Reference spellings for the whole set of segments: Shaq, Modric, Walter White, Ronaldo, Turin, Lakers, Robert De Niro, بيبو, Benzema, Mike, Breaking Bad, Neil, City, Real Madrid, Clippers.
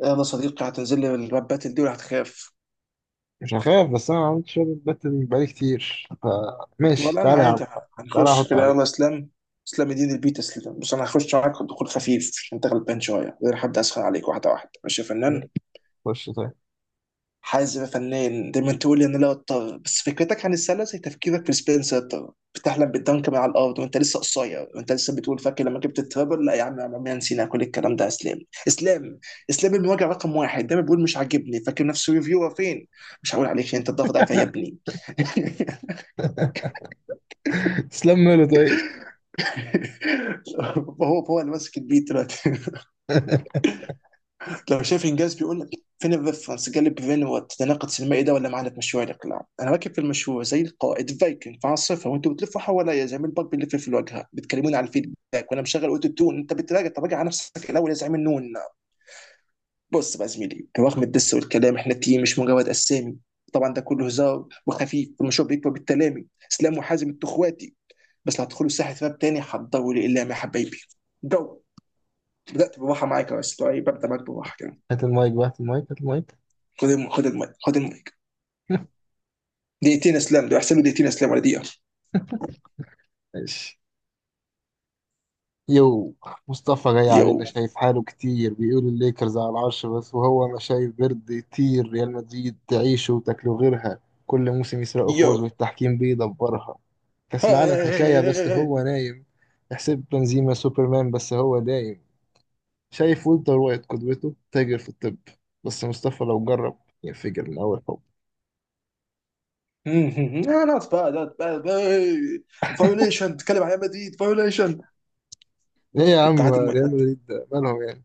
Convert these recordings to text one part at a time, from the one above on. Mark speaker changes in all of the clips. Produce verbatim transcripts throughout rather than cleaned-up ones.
Speaker 1: يلا صديقي، هتنزل لي الربات دي ولا هتخاف؟
Speaker 2: مش هخاف، بس انا ما عملتش شوية باتل بقالي كتير. فماشي،
Speaker 1: ولا انا
Speaker 2: تعالى يا عم.
Speaker 1: عادي.
Speaker 2: تعالى
Speaker 1: هنخش
Speaker 2: احط
Speaker 1: كده
Speaker 2: عليك.
Speaker 1: يلا اسلام. اسلام يدين البيت اسلام. بس انا هخش معاك دخول خفيف عشان انت غلبان شويه، غير حد اسخن عليك واحده واحده، ماشي يا فنان؟
Speaker 2: خش طيب.
Speaker 1: حازم يا فنان دايما تقول لي ان لا اضطر، بس فكرتك عن السله زي تفكيرك في السبنسر، بتحلم بالدنك من على الارض وانت لسه قصير، وانت لسه بتقول فاكر لما جبت الترابل. لا يا عم يا عم، عمرنا نسينا كل الكلام ده يا اسلام. اسلام، اسلام المواجع رقم واحد، دايما بيقول مش عاجبني، فاكر نفسه ريفيور فين؟ مش هقول عليك انت الضغط ضعيف يا ابني.
Speaker 2: تسلم له طيب.
Speaker 1: فهو فهو اللي ماسك البيت دلوقتي. لو شايف انجاز بيقول لك فين الريفرنس، جالب بفين والتناقض السينمائي ده؟ ولا معانا في مشروع الاقلاع؟ انا راكب في المشروع زي القائد فايكنج في عاصفه، وانتوا بتلفوا حواليا زي ما الباك بيلف في الواجهه، بتكلموني على الفيدباك وانا مشغل اوتو تون. انت بتراجع؟ طب راجع على نفسك الاول يا زعيم النون. بص بقى يا زميلي، رغم الدس والكلام احنا تيم مش مجرد اسامي. طبعا ده كله هزار وخفيف، المشروع بيكبر بالتلامي. اسلام وحازم انتوا اخواتي، بس لو هتدخلوا ساحه راب تاني حضروا لي الا يا حبايبي. جو. بدات بباحه معاك يا اسطى إيه، ببدا معاك بباحه كده.
Speaker 2: هات المايك بقى، هات المايك هات المايك
Speaker 1: خد الم... خد المايك، خد المايك. دقيقتين اسلام ده احسن له، دقيقتين اسلام ولا دقيقه.
Speaker 2: ماشي. يو. مصطفى جاي
Speaker 1: يو.
Speaker 2: علينا شايف حاله كتير، بيقول الليكرز على العرش، بس وهو انا شايف برد يطير. ريال مدريد تعيش وتاكله غيرها. كل موسم يسرقوا
Speaker 1: يو.
Speaker 2: فوز والتحكيم بيدبرها. كأس العالم حكاية بس
Speaker 1: هاي.
Speaker 2: هو نايم. يحسب بنزيما سوبرمان بس هو دايم. شايف ولتر وايت قدوته، تاجر في الطب. بس مصطفى لو جرب ينفجر من أول حب.
Speaker 1: نوت باد، نوت باد. فايوليشن، تتكلم عن ريال مدريد؟ فايوليشن.
Speaker 2: ليه يا
Speaker 1: طب تعال
Speaker 2: عم؟
Speaker 1: هات المايك،
Speaker 2: ريال
Speaker 1: هات.
Speaker 2: مدريد ده مالهم يعني؟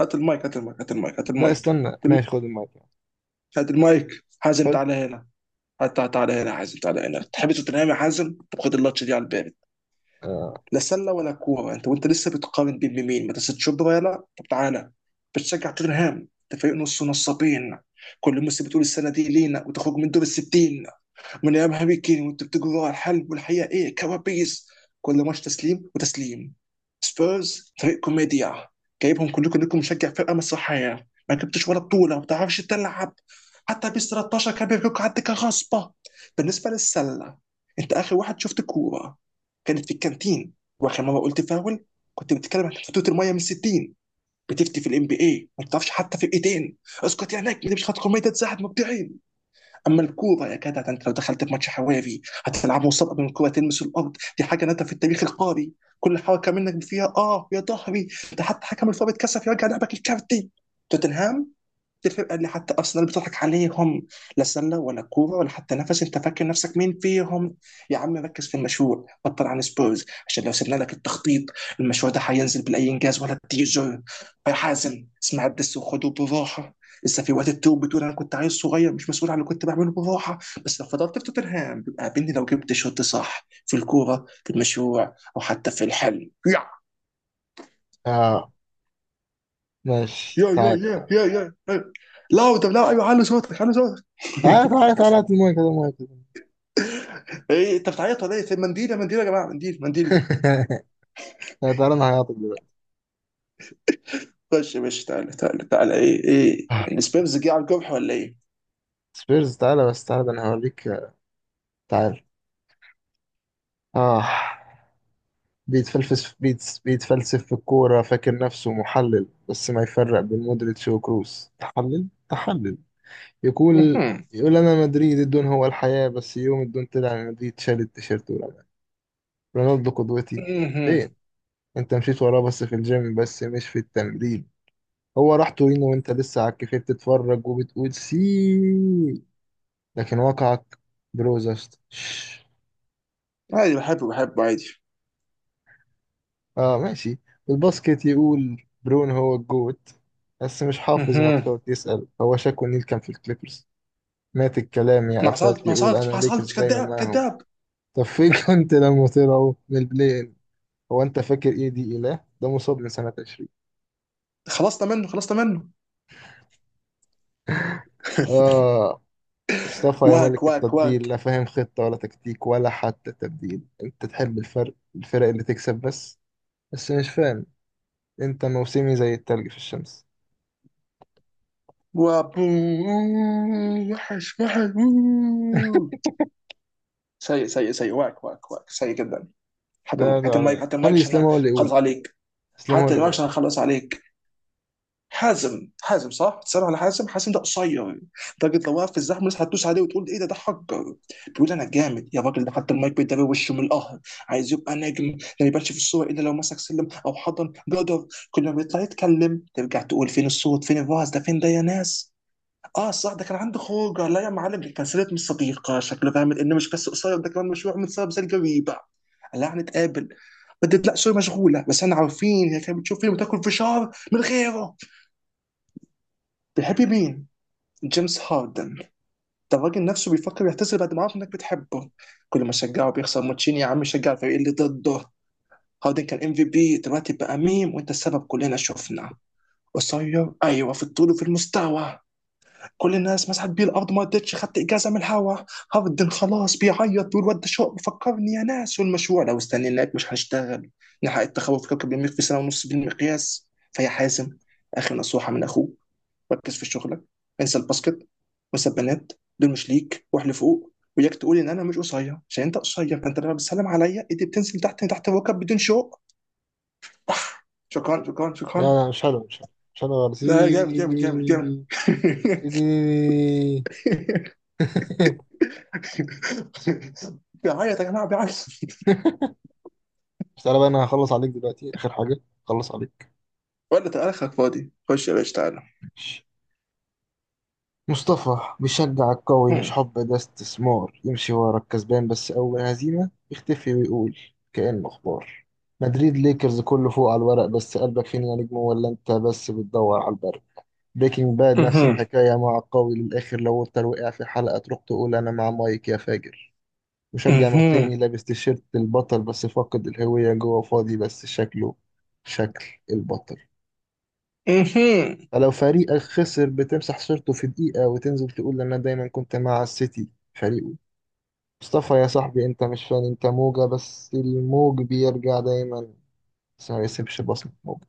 Speaker 1: هات المايك، هات المايك، هات المايك، هات
Speaker 2: لا
Speaker 1: المايك، هات
Speaker 2: استنى
Speaker 1: المايك.
Speaker 2: ماشي، خد المايك يعني.
Speaker 1: هات المايك، حازم
Speaker 2: خد.
Speaker 1: تعالى هنا. هات، تعالى هنا حازم، تعالى هنا. تحب توتنهام يا حازم؟ طب خد اللاتش دي على الباب. لا سله ولا كوره، انت وانت لسه بتقارن بين مين؟ مدرسه شبرا، طب تعالى. بتشجع توتنهام ده فريق نص نصابين، كل موسم بتقول السنه دي لينا وتخرج من دور الستين. من ايام هاري كين وانت بتجري ورا الحلب، والحقيقه ايه؟ كوابيس. كل ماتش تسليم وتسليم. سبيرز فريق كوميديا، جايبهم كلكم انكم مشجع فرقه مسرحيه، ما جبتش ولا بطوله، ما بتعرفش تلعب. حتى بيس ثلاثة عشر كان بيفكك عندك كغصبه. بالنسبه للسله، انت اخر واحد شفت كوره كانت في الكانتين، واخر مره قلت فاول كنت بتتكلم عن فتوت الميه من ستين. بتفتي في الام بي اي ما بتعرفش حتى فرقتين، اسكت يا نجم، دي مش خط كوميديا تساعد مبدعيا. اما الكوره يا جدع، ده انت لو دخلت في ماتش حوافي هتلعبه وسط قبل ما الكوره تلمس الارض، دي حاجه نادره في التاريخ القاري. كل حركه منك فيها اه يا ظهري، ده حتى حكم الفار اتكسف يرجع لعبك الكارتي. توتنهام، الفرقه اللي حتى ارسنال بتضحك عليهم. لا سله ولا كوره ولا حتى نفس، انت فاكر نفسك مين فيهم؟ يا عم ركز في المشروع، بطل عن سبورز، عشان لو سيبنا لك التخطيط المشروع ده هينزل بالاي انجاز ولا التيزر. يا حازم اسمع الدس وخده بالراحه، لسه في وقت التوب، بتقول انا كنت عيل صغير مش مسؤول عن اللي كنت بعمله بالراحه. بس لو فضلت في توتنهام قابلني لو جبت شوط صح في الكوره، في المشروع او حتى في الحل. يا
Speaker 2: آه ماشي.
Speaker 1: يا يا
Speaker 2: تعالى
Speaker 1: يا يا يا. لاو، طب لاو، ايوه، حلوا صوتك، حلوا صوتك.
Speaker 2: تعالى تعالى تعالى تعالى هات المايك هات المايك
Speaker 1: ايه انت بتعيط ولا ايه؟ في منديل؟ يا منديل يا جماعه، منديل، منديل.
Speaker 2: لا، تعالى أنا هعيطك دلوقتي.
Speaker 1: خش يا باشا، تعالى تعالى تعالى، ايه، ايه.
Speaker 2: آه،
Speaker 1: السبيرز جه على الجرح ولا ايه؟
Speaker 2: سبيرز؟ تعالى بس، تعالى ده أنا هوريك. تعالى. آه. بيتفلسف بيتس، بيتفلسف في الكورة فاكر نفسه محلل، بس ما يفرق بين مودريتش وكروس. تحلل تحلل. يقول،
Speaker 1: مهم.
Speaker 2: يقول أنا مدريد، الدون هو الحياة، بس يوم الدون طلع من مدريد شال التيشيرت ورمى. رونالدو قدوتي؟ فين؟
Speaker 1: مهم.
Speaker 2: أنت مشيت وراه بس في الجيم، بس مش في التمرين. هو راح تورينو وأنت لسه على الكافيه بتتفرج وبتقول سي. لكن واقعك بروزست.
Speaker 1: عادي بحبه بحبه عادي.
Speaker 2: اه ماشي. الباسكت، يقول برون هو الجوت بس مش حافظ
Speaker 1: مهم.
Speaker 2: ماتشات، يسأل هو شاكو نيل كان في الكليبرز. مات الكلام يا
Speaker 1: ما حصلتش،
Speaker 2: آفات.
Speaker 1: ما
Speaker 2: يقول
Speaker 1: حصلتش،
Speaker 2: أنا
Speaker 1: ما
Speaker 2: ليكرز
Speaker 1: حصلتش،
Speaker 2: دايما
Speaker 1: كذاب،
Speaker 2: معاهم.
Speaker 1: كذاب.
Speaker 2: طب فين كنت لما طلعوا من البلاي إن؟ هو أنت فاكر إيه دي إله؟ ده مصاب من سنة عشرين.
Speaker 1: خلصنا منه، خلصنا منه.
Speaker 2: آه. مصطفى يا
Speaker 1: واك
Speaker 2: ملك
Speaker 1: واك
Speaker 2: التطبيل، لا
Speaker 1: واك.
Speaker 2: فاهم خطة ولا تكتيك ولا حتى تبديل. أنت تحب الفرق، الفرق اللي تكسب بس. بس مش فاهم. أنت موسمي زي التلج في الشمس.
Speaker 1: وابو. وحش وحش، أوه. سيء سيء سيء، واك واك واك، سيء جدا. حتى
Speaker 2: لا
Speaker 1: المايك، حتى
Speaker 2: لا
Speaker 1: المايك،
Speaker 2: لا
Speaker 1: حتى المايك
Speaker 2: خلي
Speaker 1: عشان
Speaker 2: إسلام هو اللي
Speaker 1: اخلص
Speaker 2: يقول.
Speaker 1: عليك.
Speaker 2: إسلام هو
Speaker 1: حتى
Speaker 2: اللي يقول،
Speaker 1: المايك
Speaker 2: لا.
Speaker 1: عشان اخلص عليك. حازم، حازم صح؟ بتسأل على حازم؟ حازم ده قصير، لدرجة لو وقف في الزحمة الناس هتدوس عليه وتقول ايه ده ده حجر. بيقول انا جامد يا راجل، ده حتى المايك بيداري وشه من القهر. عايز يبقى نجم لا يبانش في الصورة الا لو مسك سلم او حضن جدر. كل ما بيطلع يتكلم ترجع تقول فين الصوت، فين الوعظ ده، فين ده يا ناس؟ اه صح، ده كان عنده خروجه، لا يا معلم دي كانسلت من صديقه، شكله فاهم ان مش بس قصير ده كمان مشروع من سبب زي الجريبه. لا هنتقابل، بدت لا سوري مشغوله، بس احنا عارفين هي كانت بتشوف فيلم وتاكل فشار من غيره. بيحب مين؟ جيمس هاردن. ده الراجل نفسه بيفكر يعتزل بعد ما عرف انك بتحبه. كل ما شجعه بيخسر ماتشين، يا عم شجع الفريق اللي ضده. هاردن كان ام في بي، دلوقتي بقى ميم، وانت السبب كلنا شفنا. قصير ايوه في الطول وفي المستوى. كل الناس مسحت بيه الارض، ما رضتش خدت اجازه من الهوا. هاردن خلاص بيعيط، بيقول ود شوق فكرني يا ناس، والمشروع لو استنيناك مش هنشتغل. نحقق التخوف في كوكب المريخ في سنه ونص بالمقياس. فيا حازم، اخر نصيحه من اخوك: ركز في شغلك، انسى الباسكت، وانسى البنات، دول مش ليك، واحنا فوق وياك. تقول ان انا مش قصير عشان انت قصير، فانت لما بتسلم عليا ايدي بتنزل تحت، تحت الركب بدون شوق. شكرا شكرا شكرا.
Speaker 2: لا مش حلو، مش حلو مش حلو خالص. إيه-
Speaker 1: لا، جامد جامد جامد جامد.
Speaker 2: إيه-
Speaker 1: بيعيط يا جماعه، بيعيط.
Speaker 2: مش تعالى بقى، أنا هخلص عليك دلوقتي آخر حاجة. خلص عليك.
Speaker 1: ولا، تعالى اخرك فاضي، خش يا باشا، تعالى.
Speaker 2: مصطفى بيشجع القوي مش
Speaker 1: هم.
Speaker 2: حب، ده استثمار يمشي ورا الكسبان، بس أول هزيمة يختفي ويقول كأنه أخبار. مدريد ليكرز كله فوق على الورق، بس قلبك فين يا نجم؟ ولا أنت بس بتدور على البرد. بريكنج باد نفس
Speaker 1: مهم.
Speaker 2: الحكاية، مع القوي للآخر، لو أنت وقع في حلقة تروح تقول أنا مع مايك يا فاجر. مشجع موسمي
Speaker 1: مهم.
Speaker 2: لابس تيشيرت البطل، بس فاقد الهوية، جوه فاضي، بس شكله شكل البطل.
Speaker 1: مهم.
Speaker 2: فلو فريقك خسر بتمسح صورته في دقيقة وتنزل تقول أنا دايما كنت مع السيتي فريقه. مصطفى يا صاحبي، أنت مش فان، أنت موجة، بس الموج بيرجع دايما بس ما يسيبش بصمة موج.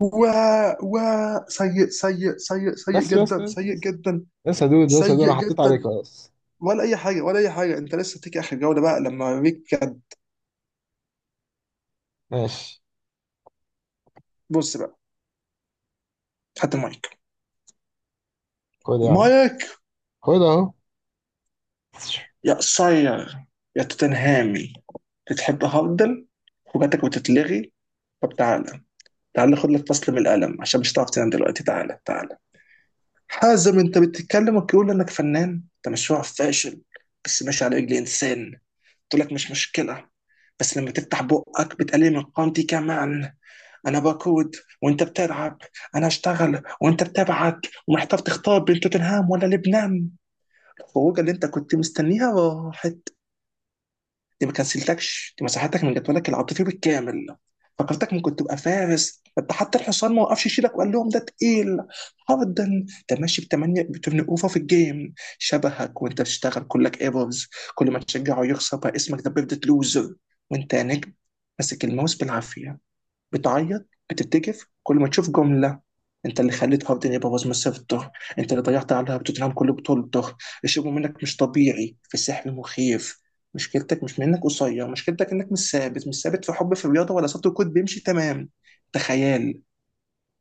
Speaker 1: و و. سيء سيء سيء، سيء
Speaker 2: بس بس
Speaker 1: جدا،
Speaker 2: بس
Speaker 1: سيء
Speaker 2: بس
Speaker 1: جدا،
Speaker 2: بس يا دود، بس يا دود
Speaker 1: سيء
Speaker 2: أنا حطيت عليك
Speaker 1: جدا.
Speaker 2: خلاص.
Speaker 1: ولا اي حاجه، ولا اي حاجه، انت لسه تيجي اخر جوله بقى لما اوريك كده.
Speaker 2: ماشي.
Speaker 1: بص بقى، خدت مايك،
Speaker 2: خد يا عم.
Speaker 1: مايك.
Speaker 2: خد أهو.
Speaker 1: يا قصير، يا توتنهامي، بتحب هاردن وجاتك وتتلغي؟ طب تعالى، تعالى خد لك فصل من القلم عشان مش هتعرف تنام دلوقتي، تعالى تعالى. حازم انت بتتكلم وتقول انك فنان، انت مشروع فاشل بس ماشي على رجل انسان. تقول لك مش مشكلة، بس لما تفتح بقك بتقلل من قيمتي كمان. انا بقود وانت بتلعب، انا اشتغل وانت بتبعك، ومحتاج تختار بين توتنهام ولا لبنان. الخروجه اللي انت كنت مستنيها راحت، دي ما كنسلتكش، دي مساحتك من جدولك العاطفي بالكامل. فكرتك ممكن تبقى فارس، انت حتى الحصان ما وقفش يشيلك وقال لهم ده تقيل. هاردن ده ماشي ب ثمانية، ب ثمانية اوفر في الجيم، شبهك وانت بتشتغل كلك ايرورز. كل ما تشجعه يخسر، بقى اسمك ده بيفضل لوزر. وانت نجم، ماسك الماوس بالعافيه، بتعيط بتتكف كل ما تشوف جمله. انت اللي خليت هاردن يبقى من الظهر، انت اللي ضيعت عليها بتوتنهام كل بطولته. الشغل منك مش طبيعي، في سحر مخيف. مشكلتك مش منك قصير، مشكلتك انك مش ثابت، مش ثابت في حب، في الرياضه، ولا صوت الكود بيمشي تمام. ده خيال،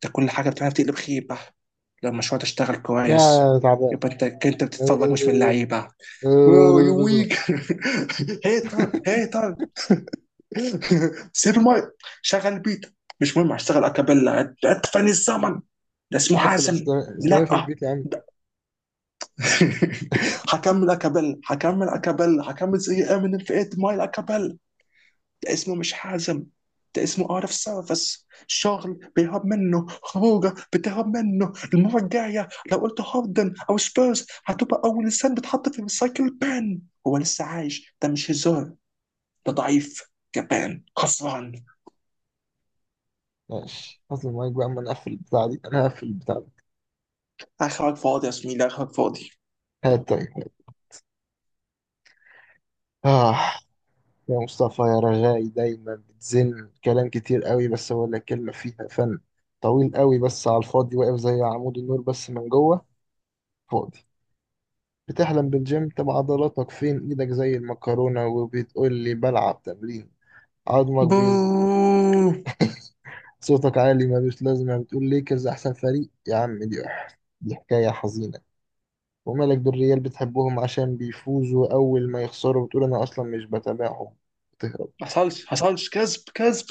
Speaker 1: ده كل حاجه بتعملها بتقلب خيبه. لو المشروع تشتغل
Speaker 2: يا
Speaker 1: كويس
Speaker 2: تعبان.
Speaker 1: يبقى انت، انت بتتفرج مش من اللعيبه. واو، يو ويك. هيتر، هيتر. سيف المايك. شغل بيت، مش مهم هشتغل اكابيلا. عد- ادفن الزمن، ده اسمه
Speaker 2: نقفل
Speaker 1: حازم.
Speaker 2: إسلام- إسلامي في
Speaker 1: لا.
Speaker 2: البيت يا عم.
Speaker 1: هكمل اكابيلا، هكمل اكابيلا، هكمل زي امينيم في ثمانية مايل اكابيلا. ده اسمه مش حازم، ده اسمه اوت اوف سيرفيس، شغل بيهرب منه، خروجه بتهرب منه. المره الجايه لو قلت هاردن او سبيرز هتبقى اول انسان بتحط في الريسايكل بان. هو لسه عايش؟ ده مش هزار، ده ضعيف، جبان، خسران.
Speaker 2: ماشي، حط المايك بقى أما نقفل البتاع دي، أنا هقفل البتاع ده.
Speaker 1: اخرك فاضي يا زميلي، اخرك فاضي.
Speaker 2: هات تاني. آه. يا مصطفى يا رغاي، دايما بتزن كلام كتير قوي بس ولا كلمة فيها فن. طويل قوي بس على الفاضي، واقف زي عمود النور، بس من جوه فاضي. بتحلم بالجيم؟ طب عضلاتك فين؟ ايدك زي المكرونة وبتقول لي بلعب تمرين. عظمك
Speaker 1: بو.
Speaker 2: بيز. صوتك عالي ملوش لازمة. بتقول ليكرز أحسن فريق يا عم، دي دي حكاية حزينة. ومالك بالريال؟ بتحبهم عشان بيفوزوا، أول ما يخسروا بتقول أنا أصلا مش بتابعهم. بتهرب.
Speaker 1: ما حصلش، حصلش، كذب كذب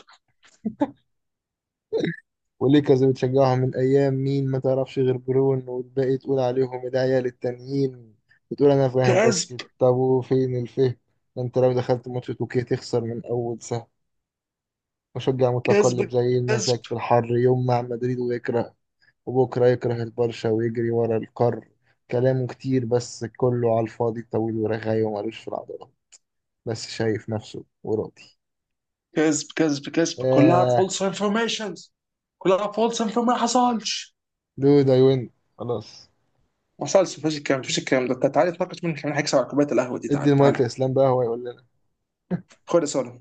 Speaker 2: وليكرز بتشجعهم من ايام مين؟ ما تعرفش غير برون والباقي تقول عليهم العيال التانيين. بتقول انا فاهم
Speaker 1: كذب
Speaker 2: باسكت، طب وفين الفهم؟ ده انت لو دخلت ماتش توكيه تخسر من اول سهم. مشجع متقلب
Speaker 1: كذب
Speaker 2: زي المساك
Speaker 1: كذب
Speaker 2: في الحر، يوم مع مدريد ويكره وبكره يكره البرشا ويجري ورا القار. كلامه كتير بس كله على الفاضي، طويل ورغاي ومالوش في العضلة، بس شايف نفسه وراضي.
Speaker 1: كذب كذب كذب، كلها
Speaker 2: آه.
Speaker 1: فولس انفورميشنز، كلها فولس انفورميشن، ما حصلش.
Speaker 2: دود I win. خلاص.
Speaker 1: ما حصلش، مفيش الكلام ده، مفيش الكلام ده. تعالى نتناقش مين كمان هيكسب على كوبايه القهوه دي،
Speaker 2: ادي
Speaker 1: تعالى
Speaker 2: المايك
Speaker 1: تعالى.
Speaker 2: لإسلام بقى هو يقول لنا.
Speaker 1: خد يا سولو.